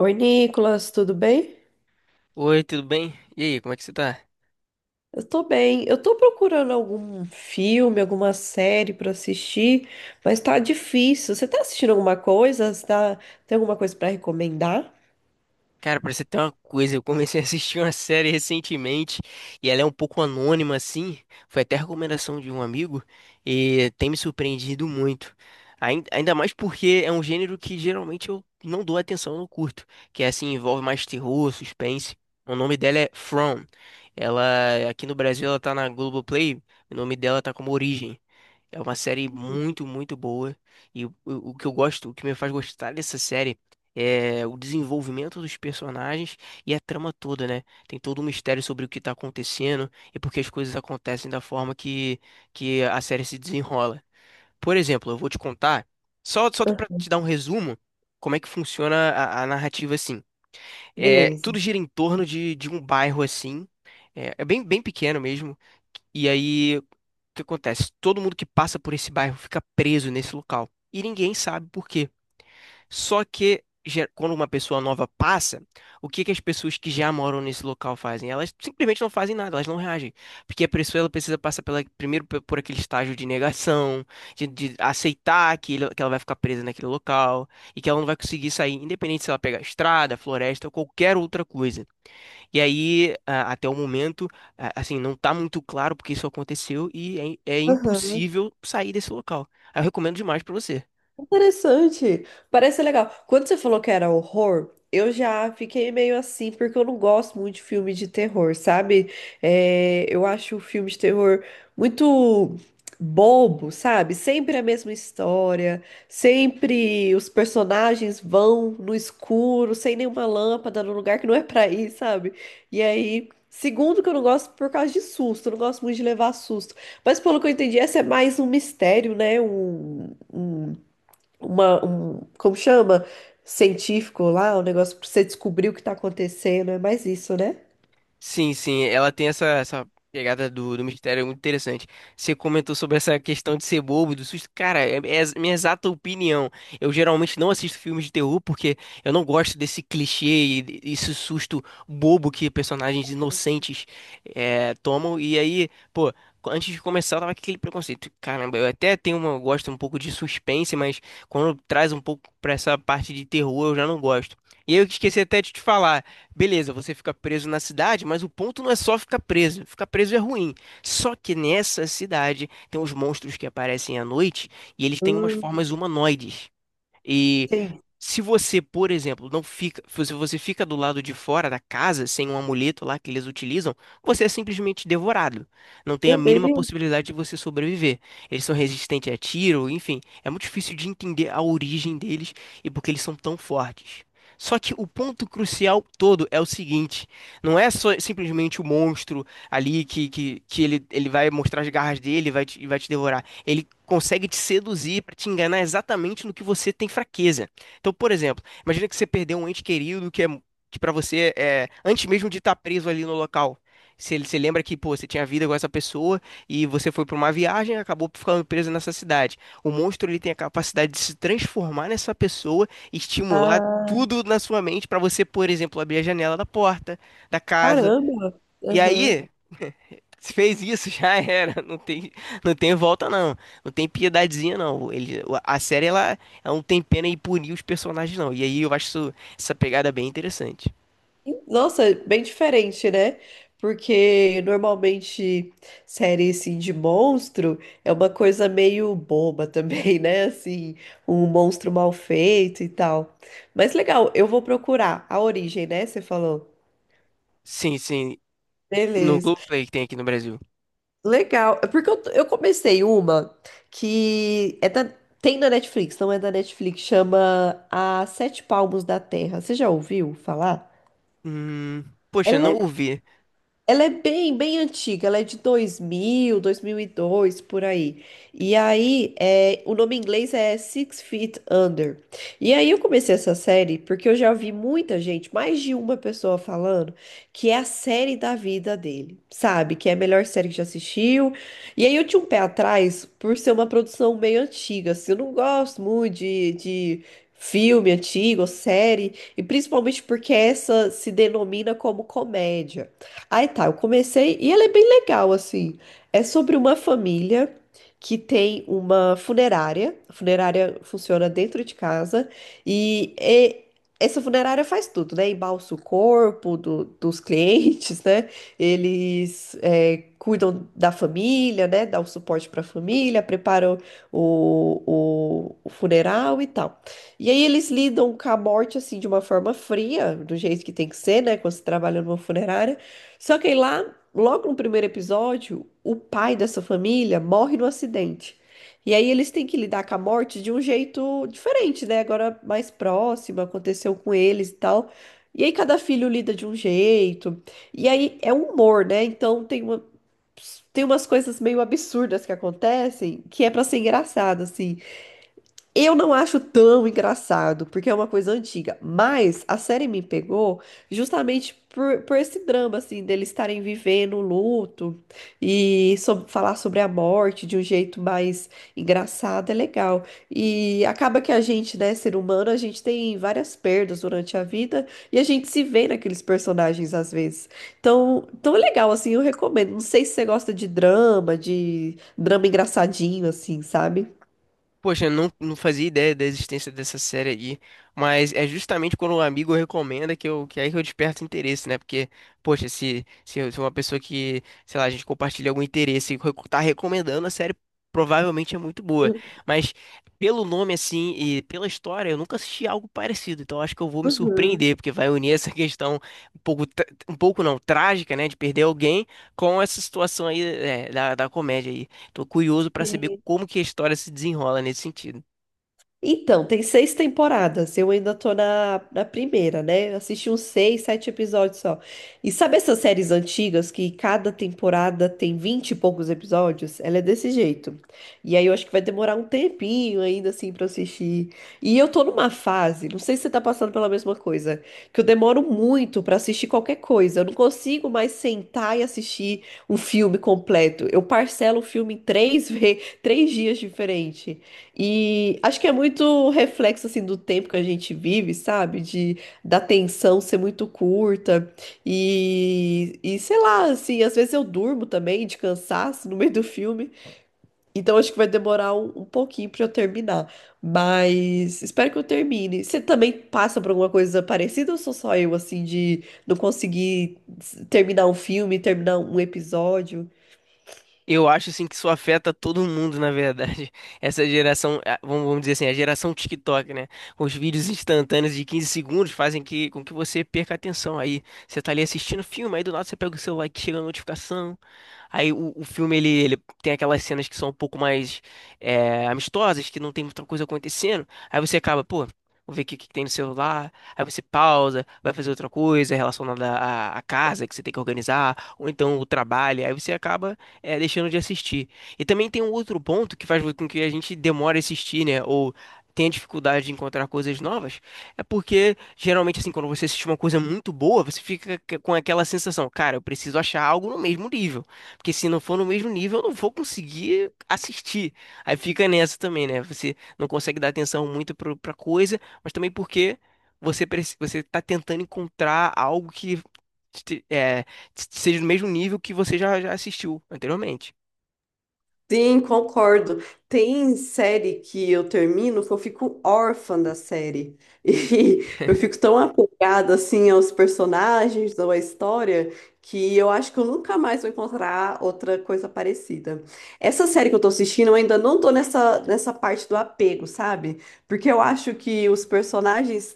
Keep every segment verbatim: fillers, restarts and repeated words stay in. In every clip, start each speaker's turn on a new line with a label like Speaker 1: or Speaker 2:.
Speaker 1: Oi, Nicolas, tudo bem?
Speaker 2: Oi, tudo bem? E aí, como é que você tá?
Speaker 1: Eu tô bem. Eu tô procurando algum filme, alguma série pra assistir, mas tá difícil. Você tá assistindo alguma coisa? Você tá... Tem alguma coisa pra recomendar?
Speaker 2: Cara, pra você ter uma coisa, eu comecei a assistir uma série recentemente e ela é um pouco anônima assim, foi até recomendação de um amigo e tem me surpreendido muito. Ain- Ainda mais porque é um gênero que geralmente eu não dou atenção, eu não curto, que é assim, envolve mais terror, suspense. O nome dela é From. Ela, aqui no Brasil, ela tá na Globoplay, o nome dela tá como Origem. É uma série muito, muito boa. E o, o que eu gosto, o que me faz gostar dessa série é o desenvolvimento dos personagens e a trama toda, né? Tem todo um mistério sobre o que tá acontecendo e porque as coisas acontecem da forma que, que a série se desenrola. Por exemplo, eu vou te contar, só, só
Speaker 1: Ah.
Speaker 2: pra te dar um resumo, como é que funciona a, a narrativa assim. É, tudo
Speaker 1: Beleza.
Speaker 2: gira em torno de, de um bairro assim. É, é bem, bem pequeno mesmo. E aí. O que acontece? Todo mundo que passa por esse bairro fica preso nesse local. E ninguém sabe por quê. Só que ge- quando uma pessoa nova passa, o que que as pessoas que já moram nesse local fazem? Elas simplesmente não fazem nada, elas não reagem. Porque a pessoa ela precisa passar pela, primeiro pe- por aquele estágio de negação, de, de aceitar que, ele- que ela vai ficar presa naquele local e que ela não vai conseguir sair, independente se ela pegar estrada, floresta ou qualquer outra coisa. E aí, a- até o momento, a- assim, não tá muito claro porque isso aconteceu e é, é impossível sair desse local. Aí eu recomendo demais pra você.
Speaker 1: Interessante. Parece ser legal. Quando você falou que era horror, eu já fiquei meio assim, porque eu não gosto muito de filme de terror, sabe? É, eu acho o filme de terror muito bobo, sabe? Sempre a mesma história, sempre os personagens vão no escuro, sem nenhuma lâmpada, num lugar que não é pra ir, sabe? E aí. Segundo, que eu não gosto por causa de susto, eu não gosto muito de levar susto. Mas pelo que eu entendi, essa é mais um mistério, né? Um, um uma, um, como chama? Científico lá, um negócio pra você descobrir o que tá acontecendo. É mais isso, né?
Speaker 2: Sim, sim, ela tem essa, essa pegada do, do mistério é muito interessante. Você comentou sobre essa questão de ser bobo, e do susto. Cara, é, é a minha exata opinião. Eu geralmente não assisto filmes de terror porque eu não gosto desse clichê e de- esse susto bobo que personagens inocentes é, tomam. E aí, pô, antes de começar, eu tava com aquele preconceito. Caramba, eu até tenho uma, eu gosto um pouco de suspense, mas quando traz um pouco pra essa parte de terror, eu já não gosto. E aí eu esqueci até de te falar. Beleza, você fica preso na cidade, mas o ponto não é só ficar preso. Ficar preso é ruim. Só que nessa cidade tem os monstros que aparecem à noite e eles têm umas formas
Speaker 1: Hum,
Speaker 2: humanoides. E
Speaker 1: sim.
Speaker 2: se você, por exemplo, não fica, se você fica do lado de fora da casa sem um amuleto lá que eles utilizam, você é simplesmente devorado. Não tem a
Speaker 1: Meu
Speaker 2: mínima
Speaker 1: Deus.
Speaker 2: possibilidade de você sobreviver. Eles são resistentes a tiro, enfim, é muito difícil de entender a origem deles e porque eles são tão fortes. Só que o ponto crucial todo é o seguinte: não é só simplesmente o monstro ali que, que, que ele, ele vai mostrar as garras dele e vai te, e vai te devorar. Ele consegue te seduzir para te enganar exatamente no que você tem fraqueza. Então, por exemplo, imagina que você perdeu um ente querido que é que para você é antes mesmo de estar preso ali no local. Se ele se lembra que, pô, você tinha vida com essa pessoa e você foi para uma viagem e acabou ficando preso nessa cidade. O monstro ele tem a capacidade de se transformar nessa pessoa e estimular
Speaker 1: Ah,
Speaker 2: tudo na sua mente para você, por exemplo, abrir a janela da porta da casa.
Speaker 1: caramba.
Speaker 2: E
Speaker 1: Aham.
Speaker 2: aí, se fez isso, já era. Não tem, não tem volta, não. Não tem piedadezinha, não. Ele, a série, ela, ela não tem pena em punir os personagens, não. E aí eu acho isso- essa pegada bem interessante.
Speaker 1: Nossa, bem diferente, né? Porque normalmente série assim de monstro é uma coisa meio boba também, né? Assim, um monstro mal feito e tal. Mas legal, eu vou procurar a origem, né? Você falou.
Speaker 2: Sim, sim. No
Speaker 1: Beleza.
Speaker 2: Globoplay que tem aqui no Brasil.
Speaker 1: Legal. É. Porque eu, eu comecei uma que é da- tem na Netflix, não é da Netflix, chama A Sete Palmos da Terra. Você já ouviu falar?
Speaker 2: Hum, poxa,
Speaker 1: Ela
Speaker 2: não
Speaker 1: é
Speaker 2: ouvi.
Speaker 1: ela é bem, bem antiga, ela é de dois dois mil, dois mil e dois, por aí. E aí, é, o nome em inglês é Six Feet Under. E aí eu comecei essa série porque eu já vi muita gente, mais de uma pessoa falando, que é a série da vida dele, sabe? Que é a melhor série que já assistiu. E aí eu tinha um pé atrás por ser uma produção meio antiga, assim, eu não gosto muito de... de Filme antigo, série, e principalmente porque essa se denomina como comédia. Aí tá, eu comecei e ela é bem legal, assim. É sobre uma família que tem uma funerária. A funerária funciona dentro de casa e, e essa funerária faz tudo, né? Embalsa o corpo do- dos clientes, né? Eles é, cuidam da família, né? Dá o suporte para a família, preparam o, o o funeral e tal. E aí eles lidam com a morte, assim, de uma forma fria, do jeito que tem que ser, né? Quando você trabalha numa funerária. Só que aí lá, logo no primeiro episódio, o pai dessa família morre no acidente. E aí eles têm que lidar com a morte de um jeito diferente, né? Agora mais próximo, aconteceu com eles e tal. E aí cada filho lida de um jeito. E aí é um humor, né? Então tem uma, tem umas coisas meio absurdas que acontecem que é pra ser engraçado, assim. Eu não acho tão engraçado, porque é uma coisa antiga, mas a série me pegou justamente por, por esse drama, assim, deles estarem vivendo o luto e sob- falar sobre a morte de um jeito mais engraçado, é legal. E acaba que a gente, né, ser humano, a gente tem várias perdas durante a vida e a gente se vê naqueles personagens às vezes. Então, tão é legal, assim, eu recomendo. Não sei se você gosta de drama, de drama engraçadinho, assim, sabe?
Speaker 2: Poxa, eu não, não fazia ideia da existência dessa série aí, mas é justamente quando um amigo recomenda que eu, que é aí que eu desperto interesse, né? Porque, poxa, se, se, eu- se uma pessoa que, sei lá, a gente compartilha algum interesse e recu- tá recomendando a série, provavelmente é muito boa. Mas pelo nome, assim, e pela história, eu nunca assisti algo parecido, então acho que eu vou me
Speaker 1: Uhum.
Speaker 2: surpreender, porque vai unir essa questão um pouco, tra- um pouco não, trágica, né, de perder alguém com essa situação aí, é, da, da comédia aí. Tô curioso para saber
Speaker 1: Sim.
Speaker 2: como que a história se desenrola nesse sentido.
Speaker 1: Então, tem seis temporadas. Eu ainda tô na, na primeira, né? Eu Assisti uns seis, sete episódios só. E sabe essas séries antigas que cada temporada tem vinte e poucos episódios? Ela é desse jeito. E aí eu acho que vai demorar um tempinho ainda, assim, pra eu assistir. E eu tô numa fase, não sei se você tá passando pela mesma coisa, que eu demoro muito pra assistir qualquer coisa. Eu não consigo mais sentar e assistir um filme completo. Eu parcelo o filme em três, ve- três dias diferentes. E acho que é muito reflexo assim do tempo que a gente vive, sabe? De da tensão ser muito curta e, e sei lá, assim, às vezes eu durmo também de cansaço no meio do filme. Então acho que vai demorar um, um pouquinho pra eu terminar, mas espero que eu termine. Você também passa por alguma coisa parecida ou sou só eu assim de não conseguir s- terminar um filme, terminar um episódio?
Speaker 2: Eu acho assim que isso afeta todo mundo, na verdade. Essa geração, ah, vamos vamos dizer assim, a geração TikTok, né? Os vídeos instantâneos de quinze segundos fazem que, com que você perca a atenção. Aí você tá ali assistindo o filme, aí do nada você pega o celular que chega a notificação. Aí o, o filme ele, ele tem aquelas cenas que são um pouco mais eh, amistosas, que não tem muita coisa acontecendo. Aí você acaba, pô, vou ver o que, que tem no celular. Aí você pausa, vai fazer outra coisa relacionada à, à casa que você tem que organizar, ou então o trabalho. Aí você acaba é, deixando de assistir. E também tem um outro ponto que faz com que a gente demore a assistir, né? Ou tenha dificuldade de encontrar coisas novas. É porque, geralmente, assim, quando você assiste uma coisa muito boa, você fica c- com aquela sensação, cara, eu preciso achar algo no mesmo nível. Porque se não for no mesmo nível, eu não vou conseguir assistir. Aí fica nessa também, né? Você não consegue dar atenção muito pro- pra coisa, mas também porque você, preci- você tá tentando encontrar algo que seja do mesmo nível que você já, já assistiu anteriormente.
Speaker 1: Sim, concordo. Tem série que eu termino que eu fico órfã da série. E eu fico tão apegada assim aos personagens ou à história que eu acho que eu nunca mais vou encontrar outra coisa parecida. Essa série que eu tô assistindo, eu ainda não tô nessa, nessa parte do apego, sabe? Porque eu acho que os personagens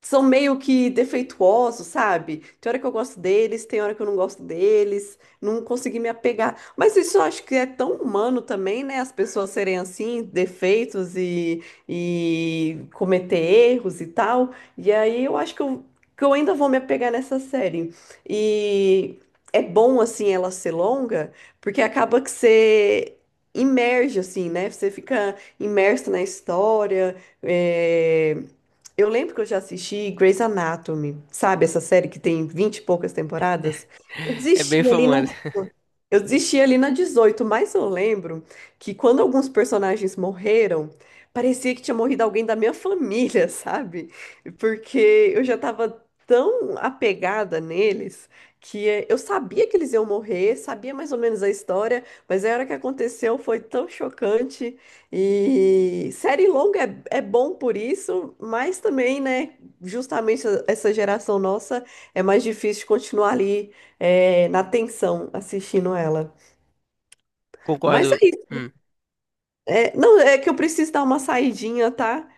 Speaker 1: são meio que defeituosos, sabe? Tem hora que eu gosto deles, tem hora que eu não gosto deles, não consegui me apegar. Mas isso eu acho que é tão humano também, né? As pessoas serem assim, defeitos e, e cometer erros e tal. E aí eu acho que eu, que eu ainda vou me apegar nessa série. E é bom, assim, ela ser longa, porque acaba que você. Imerge, assim, né? Você fica imerso na história, é, eu lembro que eu já assisti Grey's Anatomy, sabe? Essa série que tem vinte e poucas temporadas. Eu
Speaker 2: É bem
Speaker 1: desisti ali na
Speaker 2: famosa.
Speaker 1: eu desisti ali na dezoito, mas eu lembro que quando alguns personagens morreram, parecia que tinha morrido alguém da minha família, sabe? Porque eu já tava tão apegada neles que eh, eu sabia que eles iam morrer, sabia mais ou menos a história, mas a hora que aconteceu foi tão chocante. E série longa é, é bom por isso, mas também, né, justamente essa essa geração nossa é mais difícil de continuar ali é, na tensão assistindo ela. Mas é
Speaker 2: Concordo.
Speaker 1: isso.
Speaker 2: Hum,
Speaker 1: É, não, é que eu preciso dar uma saidinha, tá?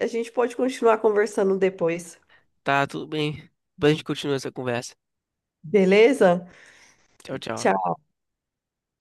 Speaker 1: A gente pode continuar conversando depois.
Speaker 2: tá, tudo bem. Depois a gente continua essa conversa.
Speaker 1: Beleza?
Speaker 2: Tchau, tchau.
Speaker 1: Tchau.